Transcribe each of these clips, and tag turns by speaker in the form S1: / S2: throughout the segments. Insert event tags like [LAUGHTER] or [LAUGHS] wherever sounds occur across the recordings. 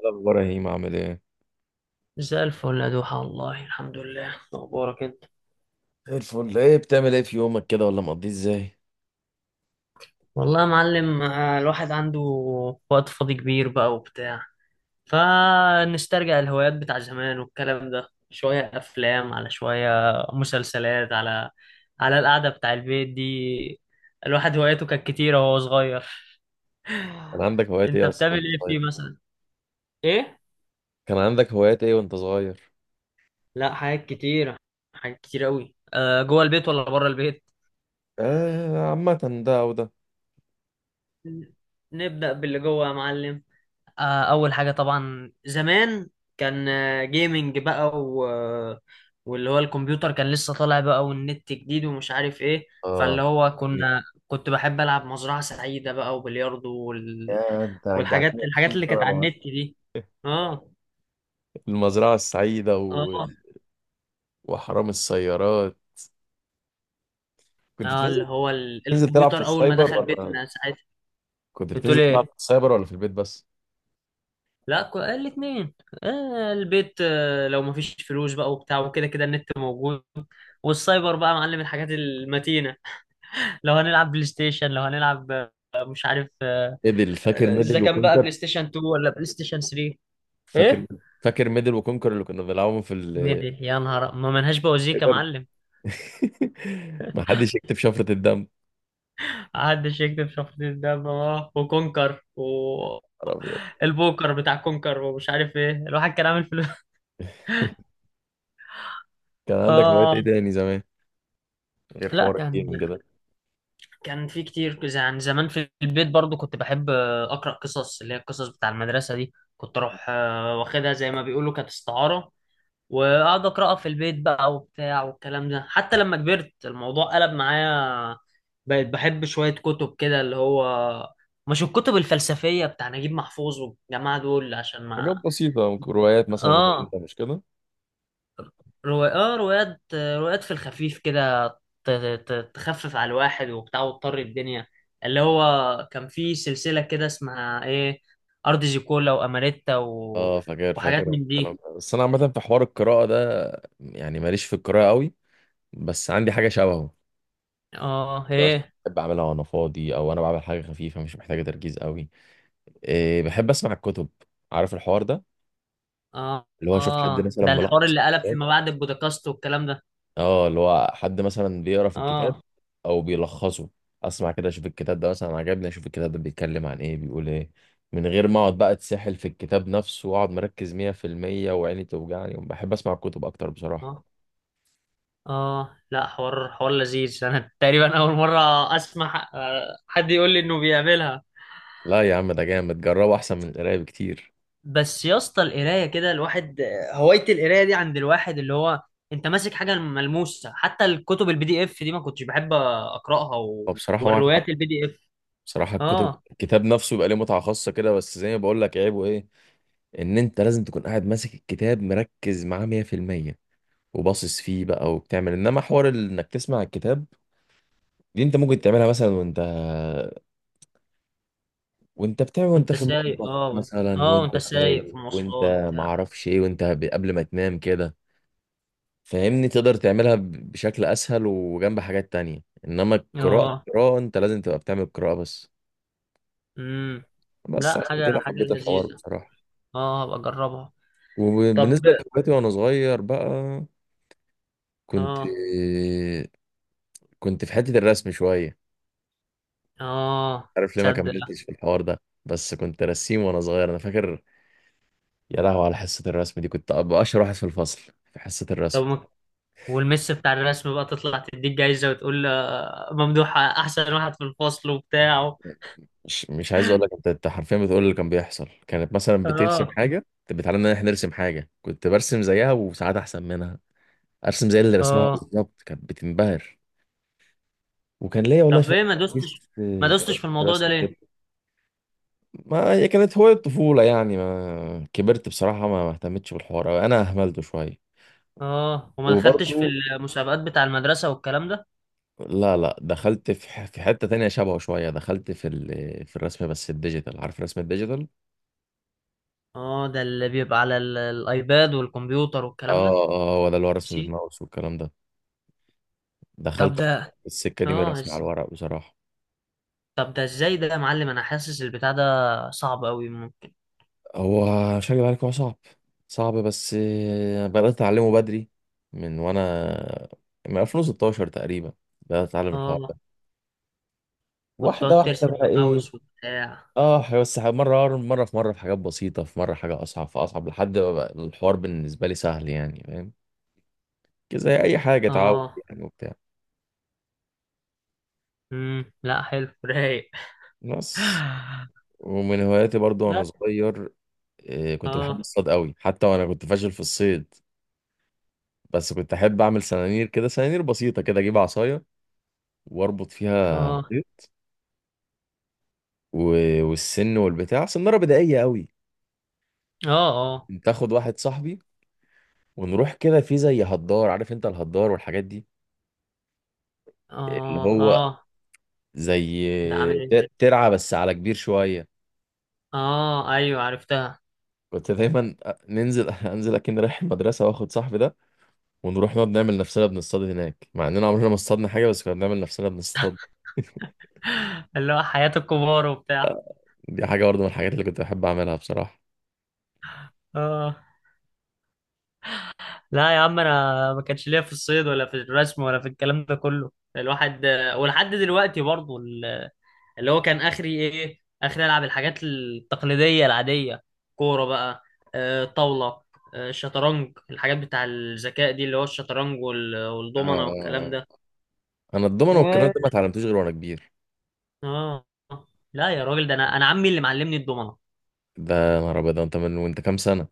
S1: إيه الأخبار يا هيم، عامل إيه؟
S2: زي الفل يا دوحة، والله الحمد لله. أخبارك أنت؟
S1: زي الفل. ايه بتعمل ايه في يومك كده ولا مقضيه ازاي؟
S2: والله يا معلم، الواحد عنده وقت فاضي كبير بقى وبتاع. فنسترجع الهوايات بتاع زمان والكلام ده، شوية أفلام على شوية مسلسلات على القعدة بتاع البيت دي. الواحد هواياته كانت كتيرة وهو صغير.
S1: كان عندك
S2: [LAUGHS]
S1: هوايات
S2: أنت
S1: إيه أصلا
S2: بتعمل
S1: وأنت
S2: إيه فيه
S1: صغير؟
S2: مثلا؟ إيه؟
S1: كان عندك هوايات إيه وأنت صغير؟
S2: لا، حاجات كتيرة. حاجات كتير أوي. جوه البيت ولا بره البيت؟
S1: آه، عامة ده أو ده.
S2: نبدأ باللي جوه يا معلم. اول حاجه طبعا زمان كان جيمنج بقى واللي هو الكمبيوتر كان لسه طالع بقى، والنت جديد ومش عارف ايه. فاللي
S1: آه،
S2: هو
S1: يعني،
S2: كنت بحب العب مزرعه سعيده بقى وبلياردو
S1: يا انت
S2: والحاجات
S1: رجعتني
S2: الحاجات
S1: 20
S2: اللي
S1: سنة
S2: كانت على
S1: لورا.
S2: النت دي.
S1: [LAUGHS]
S2: اه.
S1: المزرعة السعيدة
S2: اه.
S1: وحرام السيارات. كنت
S2: اه.
S1: بتنزل
S2: اللي هو
S1: بتنزل تلعب في
S2: الكمبيوتر اول ما
S1: السايبر،
S2: دخل
S1: ولا
S2: بيتنا ساعتها.
S1: كنت بتنزل
S2: بتقول
S1: تلعب
S2: ايه؟
S1: في السايبر ولا في البيت بس؟
S2: لا، الاتنين. آه، البيت. لو مفيش فلوس بقى وبتاع، وكده كده النت موجود. والسايبر بقى معلم الحاجات المتينة. لو هنلعب بلاي ستيشن، لو هنلعب، مش عارف،
S1: فاكر
S2: اذا
S1: ميدل
S2: كان بقى
S1: وكونكر؟
S2: بلاي ستيشن 2 ولا بلاي ستيشن 3.
S1: فاكر
S2: ايه.
S1: فاكر ميدل وكونكر اللي كنا بنلعبهم في السايبر؟
S2: ميدي يا نهار ما منهاش بوازيك يا معلم.
S1: [LAUGHS] محدش يكتب شفرة الدم.
S2: محدش يكتب شخصية ده بابا. وكونكر
S1: نهار أبيض.
S2: البوكر بتاع كونكر ومش عارف ايه. الواحد كان عامل فلوس.
S1: كان
S2: [LAUGHS]
S1: عندك هوايات
S2: اه.
S1: إيه تاني زمان، غير
S2: لا،
S1: حوار
S2: كان
S1: الجيمنج ده؟
S2: كان في كتير كذا. يعني زمان في البيت برضو كنت بحب، اقرا قصص اللي هي القصص بتاع المدرسه دي. كنت اروح واخدها زي ما بيقولوا، كانت استعاره. وقعد اقراها في البيت بقى وبتاع والكلام ده. حتى لما كبرت الموضوع قلب معايا، بقيت بحب شويه كتب كده، اللي هو مش الكتب الفلسفيه بتاع نجيب محفوظ والجماعه دول عشان ما.
S1: حاجات بسيطة، ممكن روايات مثلا، وكان
S2: اه
S1: أنت مش كده؟
S2: روايات. اه روايات في الخفيف كده. ت- تخفف على الواحد وبتاع، وتطر الدنيا. اللي هو كان في سلسله كده اسمها ايه، ارض زيكولا واماريتا
S1: اه، فاكر فاكر
S2: وحاجات من
S1: الكلام
S2: دي.
S1: ده. بس أنا عامة في حوار القراءة ده، يعني ماليش في القراءة قوي، بس عندي حاجة شبهه.
S2: اه
S1: يعني مثلاً
S2: هي.
S1: بحب أعملها وأنا فاضي، أو أنا بعمل حاجة خفيفة مش محتاجة تركيز قوي. إيه، بحب أسمع الكتب. عارف الحوار ده؟
S2: اه.
S1: اللي هو أشوف حد
S2: اه.
S1: مثلا
S2: ده الحوار
S1: ملخص.
S2: اللي قلب فيما بعد البودكاست والكلام ده.
S1: اه، اللي هو حد مثلا بيقرا في الكتاب،
S2: اه.
S1: او بيلخصه. اسمع كده، اشوف الكتاب ده مثلا عجبني، اشوف الكتاب ده بيتكلم عن ايه، بيقول ايه. من غير ما اقعد بقى اتسحل في الكتاب نفسه واقعد مركز 100%، وعيني توجعني. بحب اسمع الكتب اكتر بصراحة.
S2: اه. اه. لا، حوار لذيذ. انا تقريبا اول مره اسمع حد يقول لي انه بيعملها.
S1: لا يا عم، ده جامد، جربه احسن من القراية بكتير.
S2: بس يا اسطى، القرايه كده الواحد، هوايه القرايه دي عند الواحد، اللي هو انت ماسك حاجه ملموسه. حتى الكتب البي دي اف دي ما كنتش بحب اقراها
S1: هو بصراحة معاك حق.
S2: والروايات البي دي اف.
S1: بصراحة الكتب
S2: اه
S1: الكتاب نفسه بيبقى ليه متعة خاصة كده، بس زي ما بقول لك، عيبه ايه؟ ان انت لازم تكون قاعد ماسك الكتاب مركز معاه 100% وباصص فيه بقى. وبتعمل انما حوار انك تسمع الكتاب، دي انت ممكن تعملها مثلا وانت. وانت بتعمل، وانت
S2: وانت
S1: في
S2: سايق.
S1: المطبخ مثلا، وانت
S2: وانت سايق
S1: سايق،
S2: في
S1: وانت
S2: مواصلات
S1: ما
S2: بتاع.
S1: اعرفش ايه، وانت قبل ما تنام كده، فاهمني؟ تقدر تعملها بشكل اسهل وجنب حاجات تانية. انما القراءة،
S2: اه
S1: القراءة انت لازم تبقى بتعمل قراءة بس.
S2: امم
S1: بس
S2: لا،
S1: عشان
S2: حاجه
S1: كده
S2: حاجه
S1: حبيت الحوار
S2: لذيذه.
S1: بصراحة.
S2: اه، ابقى اجربها. طب.
S1: وبالنصة لهواياتي وانا صغير بقى، كنت
S2: اه
S1: كنت في حتة الرسم شوية.
S2: اه
S1: عارف ليه ما
S2: تصدق.
S1: كملتش في الحوار ده؟ بس كنت رسيم وانا صغير، انا فاكر. يا لهوي على حصة الرسم دي. كنت أبقى أشهر واحد في الفصل في حصة
S2: طب
S1: الرسم.
S2: والمس بتاع الرسم بقى تطلع تديك جايزة وتقول، ممدوح احسن واحد في الفصل وبتاع.
S1: مش عايز أقول لك، أنت حرفيا بتقول اللي كان بيحصل. كانت مثلا بترسم
S2: اه.
S1: حاجة، كانت بتعلمنا إن إحنا نرسم حاجة، كنت برسم زيها وساعات أحسن منها. أرسم زي اللي رسمها
S2: اه.
S1: بالظبط، كانت بتنبهر. وكان ليا والله
S2: طب
S1: شوية
S2: ايه ما دوستش.
S1: حديث.
S2: ما دوستش
S1: كانت
S2: في الموضوع ده
S1: رسم كده.
S2: ليه.
S1: ما هي كانت هواية طفولة يعني، ما كبرت بصراحة ما اهتمتش بالحوار أوي، أنا أهملته شوية.
S2: اه، وما دخلتش في
S1: وبرضه،
S2: المسابقات بتاع المدرسة والكلام ده.
S1: لا لا، دخلت في حتة تانية شبهه شوية. دخلت في الرسم بس الديجيتال، عارف الرسم الديجيتال؟
S2: اه، ده اللي بيبقى على الايباد والكمبيوتر والكلام ده.
S1: اه، اه، ولا الورق
S2: ماشي.
S1: والماوس والكلام ده.
S2: طب
S1: دخلت
S2: ده.
S1: السكة دي من
S2: اه
S1: الرسم على
S2: إز-
S1: الورق بصراحة.
S2: طب ده ازاي ده يا معلم؟ انا حاسس البتاع ده صعب قوي ممكن.
S1: هو مش هكدب عليك، هو صعب. صعب، بس بدأت أتعلمه بدري. من وأنا من 2016 تقريبا. بدأت أتعلم الحوار
S2: اه،
S1: ده واحدة
S2: وتقعد
S1: واحدة
S2: ترسم
S1: بقى، إيه.
S2: بماوس وبتاع.
S1: اه، بس مرة مرة. في مرة في حاجات بسيطة، في مرة حاجة أصعب، في أصعب، لحد ما بقى الحوار بالنسبة لي سهل يعني، فاهم؟ زي أي حاجة اتعود،
S2: اه
S1: يعني وبتاع
S2: لا حلو. [LAUGHS] رايق.
S1: بس.
S2: [SIGHS]
S1: ومن هواياتي برضو وأنا
S2: لا.
S1: صغير، كنت بحب
S2: اه.
S1: الصيد قوي، حتى وانا كنت فاشل في الصيد. بس كنت احب اعمل سنانير كده، سنانير بسيطه كده. اجيب عصايه واربط فيها
S2: اه.
S1: خيط والسن والبتاع، سناره بدائيه قوي.
S2: اه. اه.
S1: كنت اخد واحد صاحبي ونروح كده في زي هدار، عارف انت الهدار والحاجات دي؟ اللي
S2: اه.
S1: هو
S2: اه.
S1: زي
S2: ده عامل ايه.
S1: ترعه بس على كبير شويه.
S2: اه ايوه عرفتها.
S1: كنت دايما ننزل [LAUGHS] انزل، اكن رايح المدرسه واخد صاحبي ده. ونروح نقعد نعمل نفسنا بنصطاد هناك، مع اننا عمرنا ما اصطادنا حاجه، بس كنا بنعمل نفسنا بنصطاد.
S2: [LAUGHS] اللي هو حياة الكبار وبتاع.
S1: دي حاجة برضه من الحاجات اللي كنت بحب أعملها بصراحة.
S2: اه. لا يا عم، انا ما كانش ليا في الصيد ولا في الرسم ولا في الكلام ده كله. الواحد ولحد دلوقتي برضه، اللي هو كان اخري ايه، اخري العب الحاجات التقليديه العاديه. كوره بقى، طاوله، شطرنج، الحاجات بتاع الذكاء دي اللي هو الشطرنج والضمنه والكلام
S1: آه.
S2: ده.
S1: أنا الضمنة
S2: و
S1: والكرنت دي ما اتعلمتوش غير وأنا كبير.
S2: اه لا يا راجل، ده انا عمي اللي معلمني الضمنه.
S1: ده نهار أبيض. ده أنت من وأنت كام سنة؟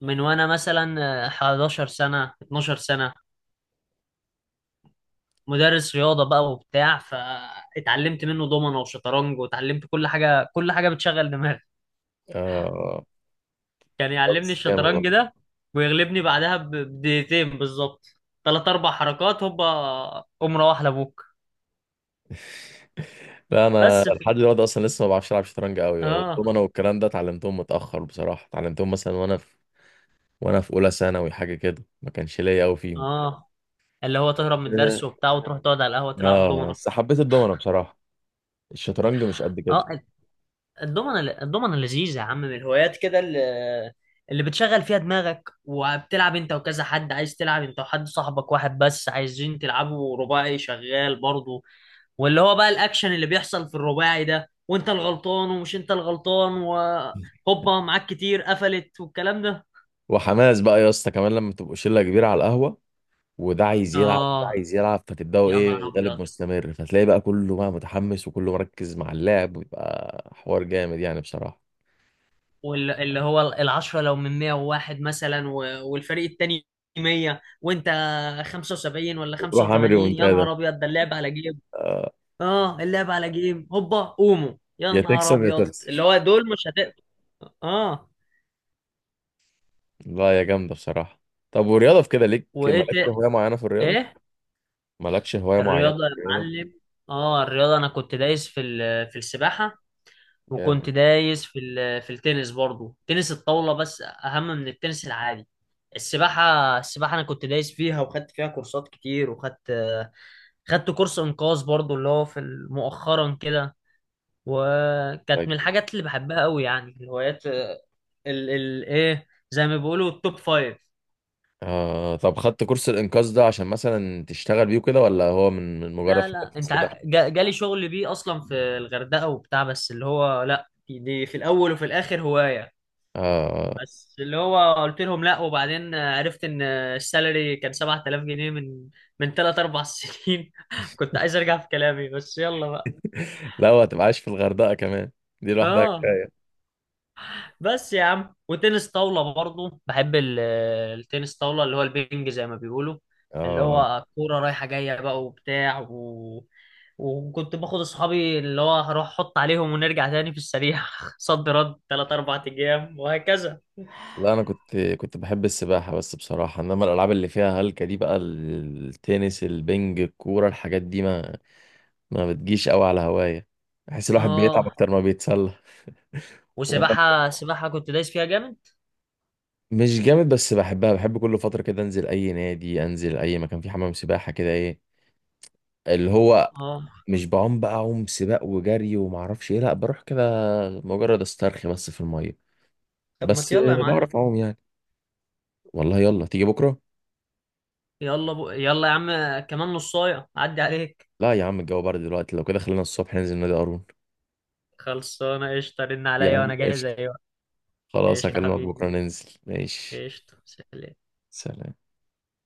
S2: من وانا مثلا 11 سنه 12 سنه. مدرس رياضه بقى وبتاع، فاتعلمت منه ضمنه وشطرنج، واتعلمت كل حاجه كل حاجه بتشغل دماغك.
S1: آه.
S2: كان
S1: لا،
S2: يعلمني
S1: بس جامد
S2: الشطرنج
S1: والله.
S2: ده، ويغلبني بعدها بدقيقتين بالظبط. ثلاث اربع حركات هوبا، قوم روح لابوك.
S1: لا، أنا
S2: بس في...
S1: لحد دلوقتي أصلا لسه ما بعرفش ألعب شطرنج أوي.
S2: اه.
S1: والضمنة والكرنت ده اتعلمتهم متأخر بصراحة، اتعلمتهم مثلا وأنا في. وأنا في أولى ثانوي حاجة كده، ما كانش ليا أوي فيهم.
S2: اه، اللي هو تهرب من
S1: آه.
S2: الدرس وبتاع وتروح تقعد على القهوه تلعب
S1: آه،
S2: دومنه.
S1: بس حبيت الضمنة بصراحة. الشطرنج مش قد كده.
S2: اه. الدومنه لذيذه يا عم، من الهوايات كده اللي بتشغل فيها دماغك. وبتلعب انت وكذا حد. عايز تلعب انت وحد صاحبك واحد بس، عايزين تلعبوا رباعي شغال برضه. واللي هو بقى الاكشن اللي بيحصل في الرباعي ده، وانت الغلطان ومش انت الغلطان، وهوبا معاك كتير قفلت والكلام ده.
S1: وحماس بقى يا اسطى كمان لما تبقوا شلة كبيرة على القهوة، وده عايز يلعب وده
S2: اه.
S1: عايز يلعب، فتبداوا
S2: يا
S1: ايه
S2: نهار ابيض.
S1: الغالب مستمر، فتلاقي بقى كله بقى متحمس وكله مركز مع اللعب، ويبقى حوار جامد يعني بصراحة.
S2: واللي هو العشرة لو من 101 مثلا، والفريق التاني 100 وانت 75 ولا
S1: وتروح عامل
S2: 85. يا
S1: ريمونتادا.
S2: نهار ابيض ده اللعب على جيم. اه، اللعب على جيم هوبا قوموا. يا
S1: يا
S2: نهار
S1: تكسب يا
S2: ابيض اللي
S1: تخسر.
S2: هو دول مش هتقدر. اه.
S1: لا، يا جامدة بصراحة. طب، ورياضة في كده ليك؟
S2: وايه ت...
S1: مالكش هواية معينة في الرياضة؟
S2: ايه؟
S1: مالكش هواية معينة
S2: الرياضة يا
S1: في الرياضة؟
S2: معلم. اه، الرياضة انا كنت دايس في في السباحة، وكنت
S1: جامد.
S2: دايس في في التنس برضو. تنس الطاولة بس أهم من التنس العادي. السباحة. السباحة أنا كنت دايس فيها، وخدت فيها كورسات كتير، خدت كورس إنقاذ برضو اللي هو في مؤخرا كده. وكانت من
S1: طيب.
S2: الحاجات اللي بحبها قوي. يعني الهوايات ال ال إيه، زي ما بيقولوا التوب فايف.
S1: آه، طب خدت كورس الإنقاذ ده عشان مثلا تشتغل بيه كده، ولا هو من مجرد
S2: لا
S1: حاجة
S2: لا،
S1: في السباحة؟
S2: جالي شغل بيه أصلا في الغردقة وبتاع. بس اللي هو لا، دي دي في الأول وفي الآخر هواية.
S1: آه.
S2: بس اللي هو قلت لهم لا. وبعدين عرفت ان، السالري كان 7000 جنيه من 3 4 سنين. [LAUGHS] كنت عايز ارجع في كلامي بس يلا بقى.
S1: لا، وهتبقى عايش في الغردقة كمان، دي لوحدها
S2: اه.
S1: كفاية.
S2: بس يا عم، وتنس طاولة برضو بحب التنس طاولة اللي هو البينج زي ما بيقولوا، اللي
S1: اه،
S2: هو كورة رايحة جاية بقى وبتاع وكنت باخد اصحابي. اللي هو هروح احط عليهم ونرجع تاني في السريع. [LAUGHS] صد رد 3 4 ايام وهكذا.
S1: لا، انا كنت بحب السباحه بس بصراحه. انما الالعاب اللي فيها هلكه دي بقى، التنس البنج الكوره، الحاجات دي ما، ما بتجيش قوي على هوايه. بحس الواحد بيتعب
S2: اه،
S1: اكتر ما بيتسلى. وانا،
S2: وسباحة. سباحة كنت دايس فيها جامد.
S1: مش جامد بس بحبها. بحب كل فتره كده انزل اي نادي، انزل اي مكان فيه حمام سباحه كده، ايه اللي هو
S2: اه.
S1: مش بعوم بقى عوم سباق وجري وما اعرفش ايه. لا، بروح كده مجرد استرخي بس في الميه.
S2: طب ما
S1: بس
S2: يلا يا معلم.
S1: بعرف اعوم يعني. والله، يلا تيجي بكره.
S2: يلا يا عم، كمان نصايه عدي عليك.
S1: لا يا عم، الجو برد دلوقتي. لو كده خلينا الصبح ننزل نادي قارون.
S2: خلصانه قشطه، رن
S1: يا
S2: عليا
S1: عم،
S2: وانا جاهز. ايوه
S1: خلاص
S2: قشطه
S1: هكلمك
S2: حبيبي.
S1: بكرة ننزل، ماشي.
S2: قشطه. سلام.
S1: سلام.